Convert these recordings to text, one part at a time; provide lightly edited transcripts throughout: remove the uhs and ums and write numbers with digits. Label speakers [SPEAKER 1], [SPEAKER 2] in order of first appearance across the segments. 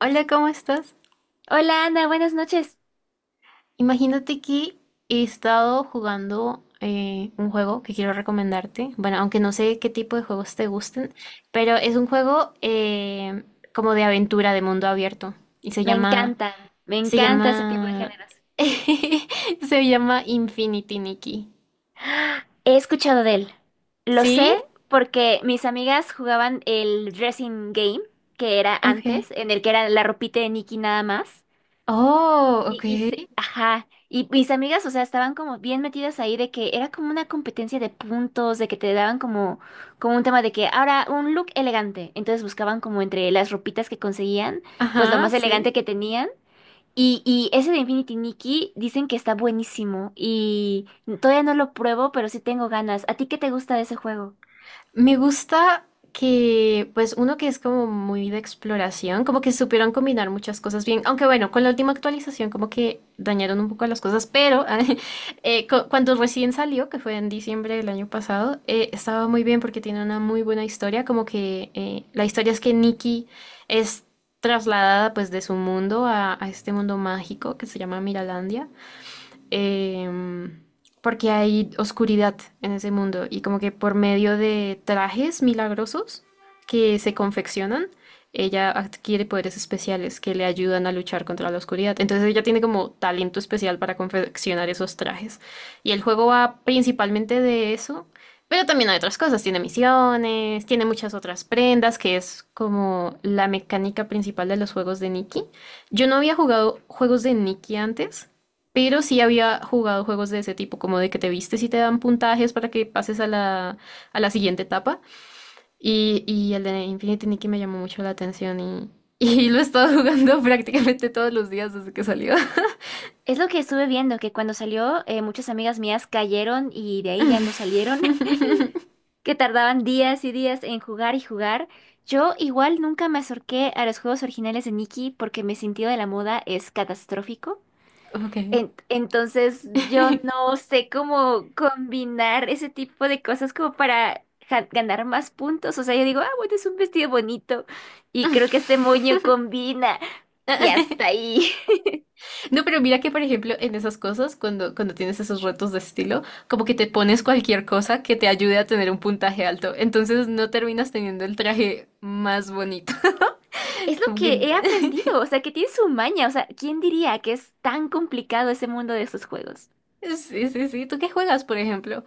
[SPEAKER 1] Hola, ¿cómo estás?
[SPEAKER 2] Hola Ana, buenas noches.
[SPEAKER 1] Imagínate que he estado jugando un juego que quiero recomendarte. Bueno, aunque no sé qué tipo de juegos te gusten, pero es un juego como de aventura, de mundo abierto. Y se
[SPEAKER 2] Me
[SPEAKER 1] llama,
[SPEAKER 2] encantan, me
[SPEAKER 1] se
[SPEAKER 2] encanta ese tipo de
[SPEAKER 1] llama,
[SPEAKER 2] géneros.
[SPEAKER 1] se llama Infinity Nikki.
[SPEAKER 2] ¡Ah! He escuchado de él. Lo
[SPEAKER 1] ¿Sí?
[SPEAKER 2] sé porque mis amigas jugaban el dressing game, que era
[SPEAKER 1] Ok.
[SPEAKER 2] antes, en el que era la ropita de Nicky nada más.
[SPEAKER 1] Oh, ok.
[SPEAKER 2] Ajá, y mis amigas, o sea, estaban como bien metidas ahí de que era como una competencia de puntos, de que te daban como un tema de que ahora un look elegante. Entonces buscaban como entre las ropitas que conseguían, pues lo
[SPEAKER 1] Ajá,
[SPEAKER 2] más
[SPEAKER 1] sí.
[SPEAKER 2] elegante que tenían. Y ese de Infinity Nikki dicen que está buenísimo y todavía no lo pruebo, pero sí tengo ganas. ¿A ti qué te gusta de ese juego?
[SPEAKER 1] Me gusta que, pues uno que es como muy de exploración, como que supieron combinar muchas cosas bien, aunque bueno, con la última actualización como que dañaron un poco las cosas, pero cuando recién salió, que fue en diciembre del año pasado, estaba muy bien porque tiene una muy buena historia, como que la historia es que Nikki es trasladada pues de su mundo a este mundo mágico que se llama Miralandia, em, porque hay oscuridad en ese mundo y como que por medio de trajes milagrosos que se confeccionan, ella adquiere poderes especiales que le ayudan a luchar contra la oscuridad. Entonces ella tiene como talento especial para confeccionar esos trajes. Y el juego va principalmente de eso, pero también hay otras cosas. Tiene misiones, tiene muchas otras prendas, que es como la mecánica principal de los juegos de Nikki. Yo no había jugado juegos de Nikki antes. Pero sí había jugado juegos de ese tipo, como de que te vistes y te dan puntajes para que pases a a la siguiente etapa. Y el de Infinity Nikki me llamó mucho la atención y, y lo he estado jugando prácticamente todos los días desde que salió.
[SPEAKER 2] Es lo que estuve viendo, que cuando salió muchas amigas mías cayeron y de ahí ya no salieron, que tardaban días y días en jugar y jugar. Yo igual nunca me acerqué a los juegos originales de Nikki porque mi sentido de la moda es catastrófico.
[SPEAKER 1] Ok.
[SPEAKER 2] Entonces yo no sé cómo combinar ese tipo de cosas como para ganar más puntos. O sea, yo digo, ah, bueno, es un vestido bonito y creo que este moño combina y hasta ahí.
[SPEAKER 1] No, pero mira que, por ejemplo, en esas cosas, cuando tienes esos retos de estilo, como que te pones cualquier cosa que te ayude a tener un puntaje alto. Entonces no terminas teniendo el traje más bonito.
[SPEAKER 2] Es lo
[SPEAKER 1] Como
[SPEAKER 2] que
[SPEAKER 1] que
[SPEAKER 2] he aprendido, o sea, que tiene su maña. O sea, ¿quién diría que es tan complicado ese mundo de estos juegos?
[SPEAKER 1] sí, sí, sí. ¿Tú qué juegas, por ejemplo?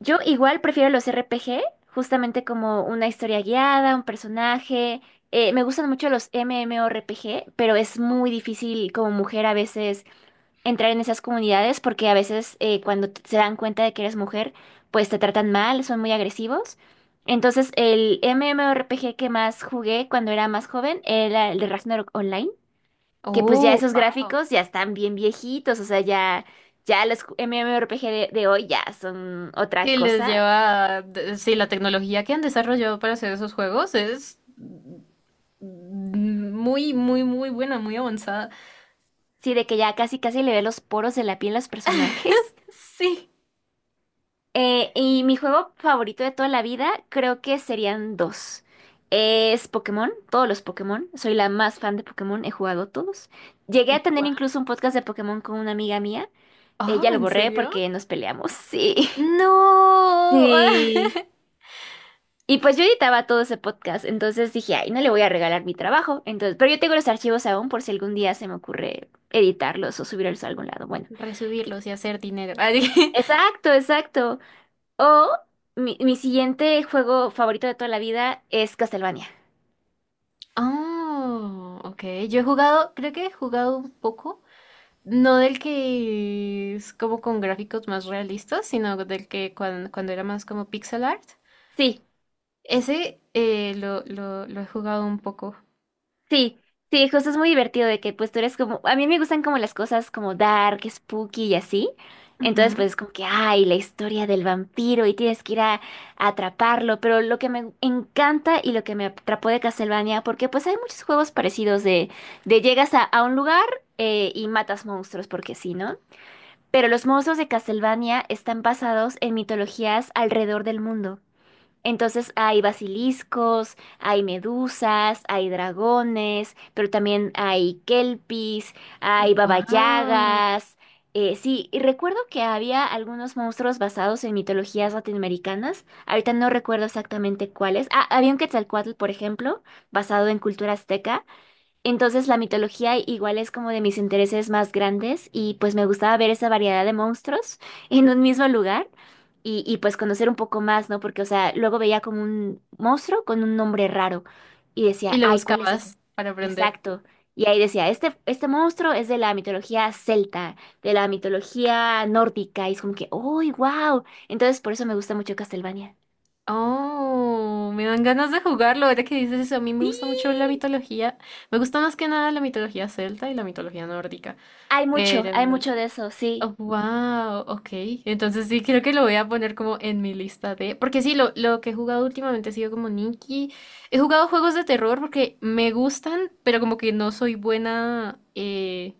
[SPEAKER 2] Yo igual prefiero los RPG, justamente como una historia guiada, un personaje. Me gustan mucho los MMORPG, pero es muy difícil como mujer a veces entrar en esas comunidades porque a veces cuando se dan cuenta de que eres mujer, pues te tratan mal, son muy agresivos. Entonces, el MMORPG que más jugué cuando era más joven era el de Ragnarok Online, que pues ya
[SPEAKER 1] Oh,
[SPEAKER 2] esos
[SPEAKER 1] wow.
[SPEAKER 2] gráficos ya están bien viejitos, o sea, ya, ya los MMORPG de hoy ya son otra
[SPEAKER 1] Sí, les
[SPEAKER 2] cosa.
[SPEAKER 1] lleva, de- sí, la tecnología que han desarrollado para hacer esos juegos es muy, muy, muy buena, muy avanzada.
[SPEAKER 2] Sí, de que ya casi casi le ve los poros de la piel a los personajes.
[SPEAKER 1] Sí.
[SPEAKER 2] Y mi juego favorito de toda la vida creo que serían dos. Es Pokémon, todos los Pokémon. Soy la más fan de Pokémon, he jugado todos. Llegué a tener
[SPEAKER 1] Wow.
[SPEAKER 2] incluso un podcast de Pokémon con una amiga mía. Ella
[SPEAKER 1] Oh,
[SPEAKER 2] lo
[SPEAKER 1] ¿en
[SPEAKER 2] borré
[SPEAKER 1] serio?
[SPEAKER 2] porque nos peleamos, sí.
[SPEAKER 1] No.
[SPEAKER 2] Sí. Y pues yo editaba todo ese podcast, entonces dije, ay, no le voy a regalar mi trabajo. Entonces, pero yo tengo los archivos aún por si algún día se me ocurre editarlos o subirlos a algún lado. Bueno, y-
[SPEAKER 1] Resubirlos y hacer dinero. Ah, dije-
[SPEAKER 2] exacto, exacto. O mi siguiente juego favorito de toda la vida es Castlevania.
[SPEAKER 1] oh, ok. Yo he jugado, creo que he jugado un poco. No del que es como con gráficos más realistas, sino del que cuando, era más como pixel art.
[SPEAKER 2] Sí,
[SPEAKER 1] Ese lo he jugado un poco.
[SPEAKER 2] sí, sí, José, es muy divertido de que pues tú eres como, a mí me gustan como las cosas como dark, spooky y así. Entonces pues es como que, ay, la historia del vampiro y tienes que ir a atraparlo. Pero lo que me encanta y lo que me atrapó de Castlevania, porque pues hay muchos juegos parecidos de, llegas a, un lugar y matas monstruos, porque sí, ¿no? Pero los monstruos de Castlevania están basados en mitologías alrededor del mundo. Entonces hay basiliscos, hay medusas, hay dragones, pero también hay kelpis, hay
[SPEAKER 1] Wow.
[SPEAKER 2] babayagas. Sí, y recuerdo que había algunos monstruos basados en mitologías latinoamericanas. Ahorita no recuerdo exactamente cuáles. Ah, había un Quetzalcóatl, por ejemplo, basado en cultura azteca. Entonces la mitología igual es como de mis intereses más grandes y pues me gustaba ver esa variedad de monstruos en un mismo lugar y pues conocer un poco más, ¿no? Porque, o sea, luego veía como un monstruo con un nombre raro y
[SPEAKER 1] Y
[SPEAKER 2] decía,
[SPEAKER 1] lo
[SPEAKER 2] ay, ¿cuál es ese?
[SPEAKER 1] buscabas para aprender.
[SPEAKER 2] Exacto. Y ahí decía, este monstruo es de la mitología celta, de la mitología nórdica y es como que, ¡uy, wow! Entonces por eso me gusta mucho Castlevania.
[SPEAKER 1] Oh, me dan ganas de jugarlo. Ahora que dices eso, a mí me
[SPEAKER 2] Sí.
[SPEAKER 1] gusta mucho la mitología. Me gusta más que nada la mitología celta y la mitología nórdica. Pero,
[SPEAKER 2] Hay mucho de eso, sí.
[SPEAKER 1] wow, ok. Entonces sí, creo que lo voy a poner como en mi lista de... Porque sí, lo que he jugado últimamente ha sido como Nikki. He jugado juegos de terror porque me gustan, pero como que no soy buena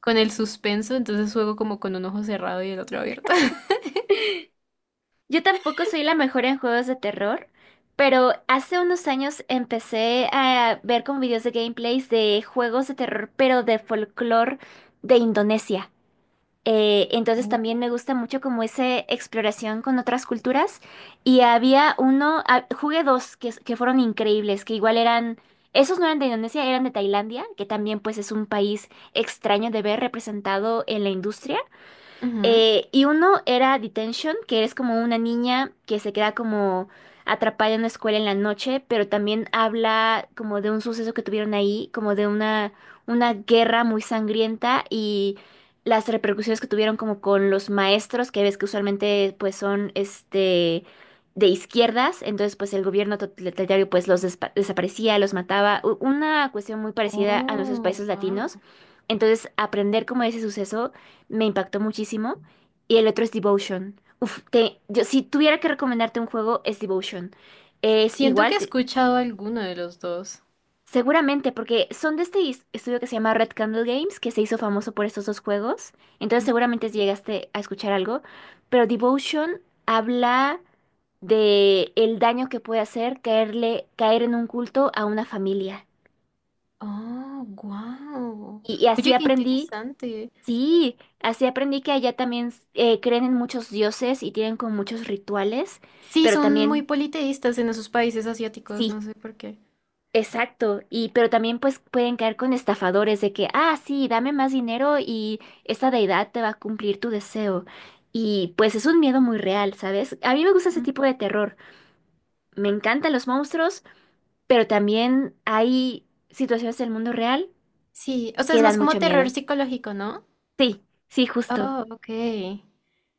[SPEAKER 1] con el suspenso, entonces juego como con un ojo cerrado y el otro abierto.
[SPEAKER 2] Yo tampoco soy la mejor en juegos de terror, pero hace unos años empecé a ver como videos de gameplays de juegos de terror, pero de folclore de Indonesia. Entonces también
[SPEAKER 1] Oh,
[SPEAKER 2] me gusta mucho como esa exploración con otras culturas. Y había uno, ah, jugué dos que fueron increíbles, que igual eran, esos no eran de Indonesia, eran de Tailandia, que también pues es un país extraño de ver representado en la industria.
[SPEAKER 1] ujú.
[SPEAKER 2] Y uno era Detention, que es como una niña que se queda como atrapada en una escuela en la noche, pero también habla como de un suceso que tuvieron ahí, como de una guerra muy sangrienta y las repercusiones que tuvieron como con los maestros, que ves que usualmente pues son este de izquierdas, entonces pues el gobierno totalitario pues los desaparecía, los mataba, una cuestión muy parecida a nuestros
[SPEAKER 1] Oh,
[SPEAKER 2] países
[SPEAKER 1] wow.
[SPEAKER 2] latinos. Entonces, aprender como de ese suceso me impactó muchísimo. Y el otro es Devotion. Uf, yo, si tuviera que recomendarte un juego, es Devotion. Es
[SPEAKER 1] Siento que he
[SPEAKER 2] igual,
[SPEAKER 1] escuchado alguno de los dos.
[SPEAKER 2] seguramente, porque son de este estudio que se llama Red Candle Games, que se hizo famoso por estos dos juegos. Entonces seguramente llegaste a escuchar algo. Pero Devotion habla de el daño que puede hacer caerle, caer en un culto a una familia.
[SPEAKER 1] Oh, wow.
[SPEAKER 2] Y
[SPEAKER 1] Oye,
[SPEAKER 2] así
[SPEAKER 1] qué
[SPEAKER 2] aprendí.
[SPEAKER 1] interesante.
[SPEAKER 2] Sí, así aprendí que allá también creen en muchos dioses y tienen como muchos rituales,
[SPEAKER 1] Sí,
[SPEAKER 2] pero
[SPEAKER 1] son muy
[SPEAKER 2] también,
[SPEAKER 1] politeístas en esos países asiáticos,
[SPEAKER 2] sí,
[SPEAKER 1] no sé por qué.
[SPEAKER 2] exacto, y pero también pues pueden caer con estafadores de que, ah, sí, dame más dinero y esta deidad te va a cumplir tu deseo. Y pues es un miedo muy real, ¿sabes? A mí me gusta ese
[SPEAKER 1] Ujú.
[SPEAKER 2] tipo de terror. Me encantan los monstruos, pero también hay situaciones del mundo real
[SPEAKER 1] Sí, o sea, es
[SPEAKER 2] que
[SPEAKER 1] más
[SPEAKER 2] dan
[SPEAKER 1] como
[SPEAKER 2] mucho
[SPEAKER 1] terror
[SPEAKER 2] miedo.
[SPEAKER 1] psicológico, ¿no?
[SPEAKER 2] Sí, sí, justo.
[SPEAKER 1] Oh, ok.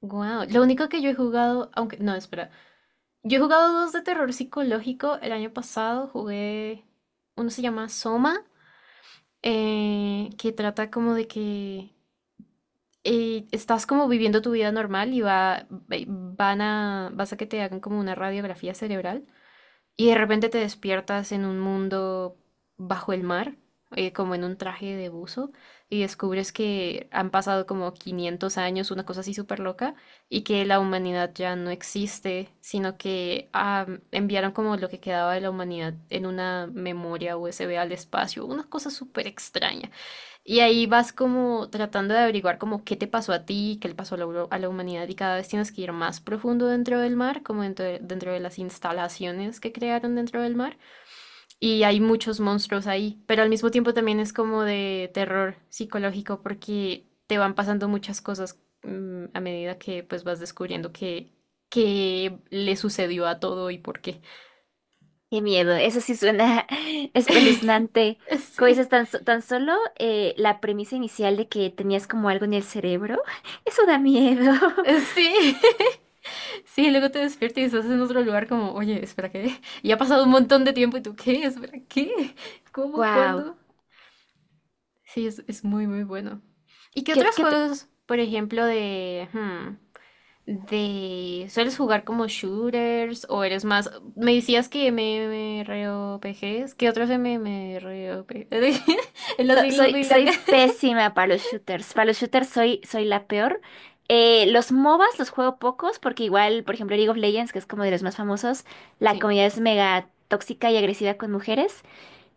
[SPEAKER 1] Wow. Lo único que yo he jugado, aunque no, espera. Yo he jugado dos de terror psicológico. El año pasado jugué, uno se llama Soma, que trata como de que estás como viviendo tu vida normal y vas a que te hagan como una radiografía cerebral. Y de repente te despiertas en un mundo bajo el mar, como en un traje de buzo, y descubres que han pasado como 500 años, una cosa así súper loca, y que la humanidad ya no existe, sino que ah, enviaron como lo que quedaba de la humanidad en una memoria USB al espacio, una cosa súper extraña. Y ahí vas como tratando de averiguar como qué te pasó a ti, qué le pasó a a la humanidad y cada vez tienes que ir más profundo dentro del mar, como dentro de las instalaciones que crearon dentro del mar. Y hay muchos monstruos ahí, pero al mismo tiempo también es como de terror psicológico porque te van pasando muchas cosas a medida que pues vas descubriendo qué le sucedió a todo y por qué.
[SPEAKER 2] Qué miedo, eso sí suena espeluznante. Como
[SPEAKER 1] Sí,
[SPEAKER 2] dices, tan solo la premisa inicial de que tenías como algo en el cerebro, eso da miedo.
[SPEAKER 1] sí. Sí, luego te despiertas y estás en otro lugar como, oye, espera, ¿qué? Y ha pasado un montón de tiempo y tú, ¿qué? Espera, ¿qué? ¿Cómo?
[SPEAKER 2] Wow.
[SPEAKER 1] ¿Cuándo? Sí, es muy, muy bueno. ¿Y qué
[SPEAKER 2] ¿Qué,
[SPEAKER 1] otros
[SPEAKER 2] qué te-
[SPEAKER 1] juegos, por ejemplo, de... hmm, de... ¿Sueles jugar como shooters o eres más... Me decías que MMORPGs. ¿Qué otros MMORPGs? En las siglas
[SPEAKER 2] Soy,
[SPEAKER 1] muy largas.
[SPEAKER 2] soy pésima para los shooters. Para los shooters soy la peor. Los MOBAs los juego pocos porque igual, por ejemplo, League of Legends, que es como de los más famosos, la
[SPEAKER 1] Sí.
[SPEAKER 2] comunidad es mega tóxica y agresiva con mujeres.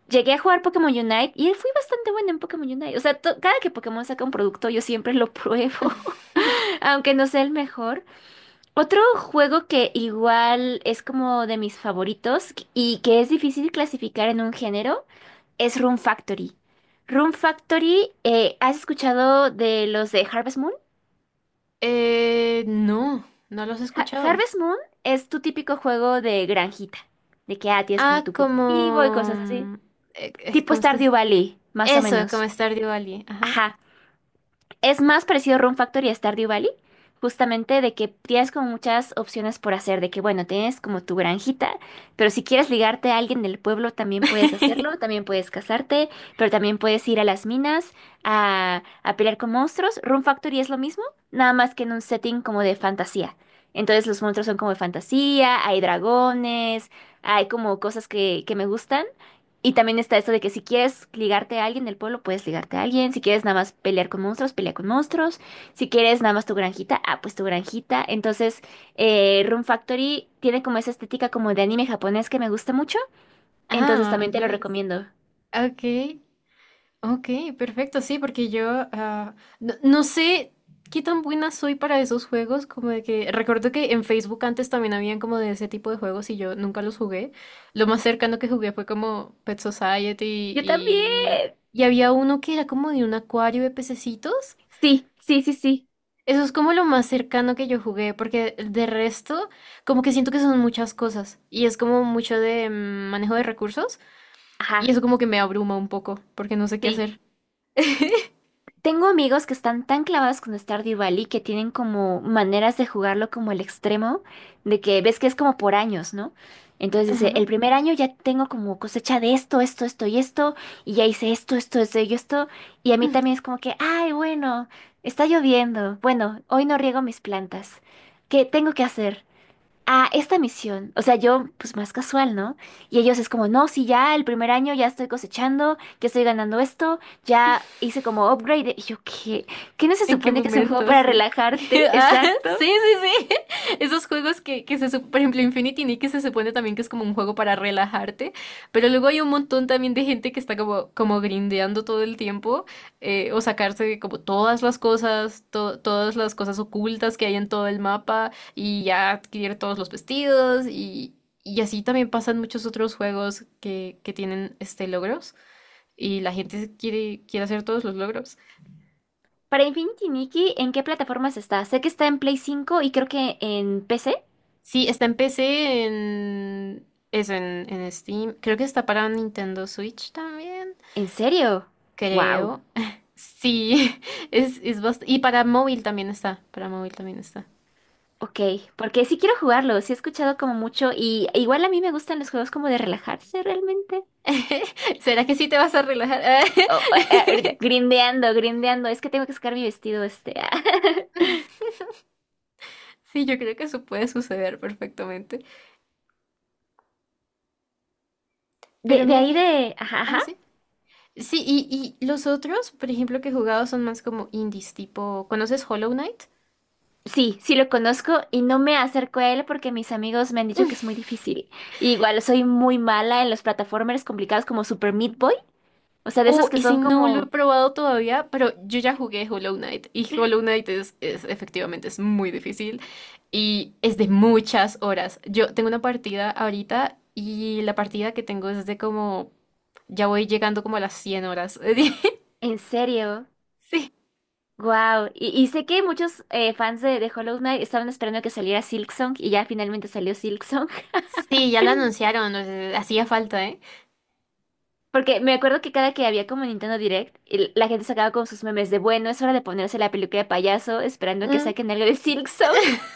[SPEAKER 2] Llegué a jugar Pokémon Unite y fui bastante buena en Pokémon Unite. O sea, to- cada que Pokémon saca un producto, yo siempre lo pruebo, aunque no sea el mejor. Otro juego que igual es como de mis favoritos y que es difícil clasificar en un género es Rune Factory. Rune Factory, ¿has escuchado de los de Harvest Moon?
[SPEAKER 1] No, no los he escuchado.
[SPEAKER 2] Harvest Moon es tu típico juego de granjita, de que ah, tienes como
[SPEAKER 1] Ah,
[SPEAKER 2] tu cultivo y
[SPEAKER 1] como...
[SPEAKER 2] cosas así. Tipo
[SPEAKER 1] ¿Cómo es que se...
[SPEAKER 2] Stardew Valley, más o
[SPEAKER 1] Eso,
[SPEAKER 2] menos.
[SPEAKER 1] como Stardew Valley. Ajá.
[SPEAKER 2] Ajá. Es más parecido a Room Factory y a Stardew Valley, justamente de que tienes como muchas opciones por hacer, de que bueno, tienes como tu granjita, pero si quieres ligarte a alguien del pueblo también puedes hacerlo, también puedes casarte, pero también puedes ir a las minas a pelear con monstruos. Room Factory es lo mismo, nada más que en un setting como de fantasía. Entonces los monstruos son como de fantasía, hay dragones, hay como cosas que me gustan. Y también está esto de que si quieres ligarte a alguien del pueblo, puedes ligarte a alguien. Si quieres nada más pelear con monstruos, pelea con monstruos. Si quieres nada más tu granjita, ah, pues tu granjita. Entonces, Room Factory tiene como esa estética como de anime japonés que me gusta mucho. Entonces
[SPEAKER 1] Ah,
[SPEAKER 2] también te lo
[SPEAKER 1] nice.
[SPEAKER 2] recomiendo.
[SPEAKER 1] Ok, ok, perfecto, sí, porque yo ah, no, no sé qué tan buena soy para esos juegos, como de que recuerdo que en Facebook antes también habían como de ese tipo de juegos y yo nunca los jugué. Lo más cercano que jugué fue como Pet Society
[SPEAKER 2] Yo también.
[SPEAKER 1] y había uno que era como de un acuario de pececitos.
[SPEAKER 2] Sí, sí, sí, sí.
[SPEAKER 1] Eso es como lo más cercano que yo jugué, porque de resto, como que siento que son muchas cosas y es como mucho de manejo de recursos y
[SPEAKER 2] Ajá,
[SPEAKER 1] eso como que me abruma un poco porque no sé qué
[SPEAKER 2] sí.
[SPEAKER 1] hacer.
[SPEAKER 2] Tengo amigos que están tan clavados con Stardew Valley que tienen como maneras de jugarlo como el extremo, de que ves que es como por años, ¿no? Entonces dice,
[SPEAKER 1] Ajá.
[SPEAKER 2] el primer año ya tengo como cosecha de esto, esto, esto y esto, y ya hice esto, esto, esto y esto, y a mí también es como que, ay, bueno, está lloviendo, bueno, hoy no riego mis plantas, ¿qué tengo que hacer? A esta misión. O sea, yo, pues más casual, ¿no? Y ellos es como, no, sí, ya el primer año ya estoy cosechando, ya estoy ganando esto, ya hice como upgrade. Y yo, ¿qué? ¿Qué no se
[SPEAKER 1] ¿En qué
[SPEAKER 2] supone que es un juego
[SPEAKER 1] momento?
[SPEAKER 2] para
[SPEAKER 1] Sí.
[SPEAKER 2] relajarte?
[SPEAKER 1] Ah,
[SPEAKER 2] Exacto.
[SPEAKER 1] sí, sí, sí. Esos juegos que se sup- por ejemplo, Infinity Nick, que se supone también que es como un juego para relajarte, pero luego hay un montón también de gente que está como grindeando todo el tiempo, o sacarse como todas las cosas, todas las cosas ocultas que hay en todo el mapa, y ya adquirir todos los vestidos, y así también pasan muchos otros juegos que tienen este logros, y la gente quiere hacer todos los logros.
[SPEAKER 2] Para Infinity Nikki, ¿en qué plataformas está? Sé que está en PS5 y creo que en PC.
[SPEAKER 1] Sí, está en PC, en eso, en Steam. Creo que está para Nintendo Switch también.
[SPEAKER 2] ¿En serio? Wow.
[SPEAKER 1] Creo. Sí, es bast- y para móvil también está. Para móvil también está.
[SPEAKER 2] Ok, porque sí quiero jugarlo, sí he escuchado como mucho y igual a mí me gustan los juegos como de relajarse realmente.
[SPEAKER 1] ¿Será que sí te vas a relajar?
[SPEAKER 2] Oh, ah, ah, ahorita, grindeando, grindeando. Es que tengo que sacar mi vestido este. Ah.
[SPEAKER 1] Sí, yo creo que eso puede suceder perfectamente.
[SPEAKER 2] De,
[SPEAKER 1] Pero
[SPEAKER 2] de
[SPEAKER 1] mira
[SPEAKER 2] ahí
[SPEAKER 1] que.
[SPEAKER 2] de... Ajá,
[SPEAKER 1] Ah,
[SPEAKER 2] ajá.
[SPEAKER 1] sí. Sí, y los otros, por ejemplo, que he jugado son más como indies, tipo. ¿Conoces Hollow Knight?
[SPEAKER 2] Sí, sí lo conozco y no me acerco a él porque mis amigos me han dicho que es muy difícil. Y igual soy muy mala en los plataformers complicados como Super Meat Boy. O sea, de esos
[SPEAKER 1] Oh,
[SPEAKER 2] que
[SPEAKER 1] ese
[SPEAKER 2] son
[SPEAKER 1] no lo he
[SPEAKER 2] como...
[SPEAKER 1] probado todavía, pero yo ya jugué Hollow Knight y Hollow Knight es- efectivamente es muy difícil y es de muchas horas. Yo tengo una partida ahorita y la partida que tengo es de como ya voy llegando como a las 100 horas.
[SPEAKER 2] En serio.
[SPEAKER 1] Sí,
[SPEAKER 2] Wow. Y sé que muchos fans de Hollow Knight estaban esperando que saliera Silksong y ya finalmente salió Silksong.
[SPEAKER 1] sí, ya la anunciaron, o sea, hacía falta, ¿eh?
[SPEAKER 2] Porque me acuerdo que cada que había como Nintendo Direct, y la gente sacaba con sus memes de, bueno, es hora de ponerse la peluca de payaso esperando que
[SPEAKER 1] Mm.
[SPEAKER 2] saquen algo de Silk Song.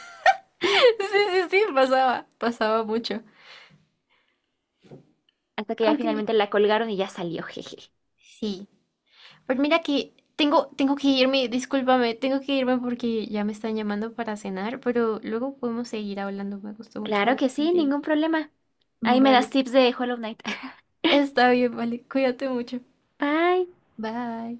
[SPEAKER 1] Sí, sí, sí, pasaba, pasaba mucho.
[SPEAKER 2] Hasta que ya
[SPEAKER 1] Aunque
[SPEAKER 2] finalmente la colgaron y ya salió, jeje.
[SPEAKER 1] sí. Pues mira que tengo, tengo que irme, discúlpame, tengo que irme porque ya me están llamando para cenar, pero luego podemos seguir hablando. Me gustó mucho
[SPEAKER 2] Claro
[SPEAKER 1] hablar
[SPEAKER 2] que sí,
[SPEAKER 1] contigo.
[SPEAKER 2] ningún problema. Ahí me das
[SPEAKER 1] Vale,
[SPEAKER 2] tips de Hollow Knight.
[SPEAKER 1] está bien, vale, cuídate mucho.
[SPEAKER 2] Bye.
[SPEAKER 1] Bye.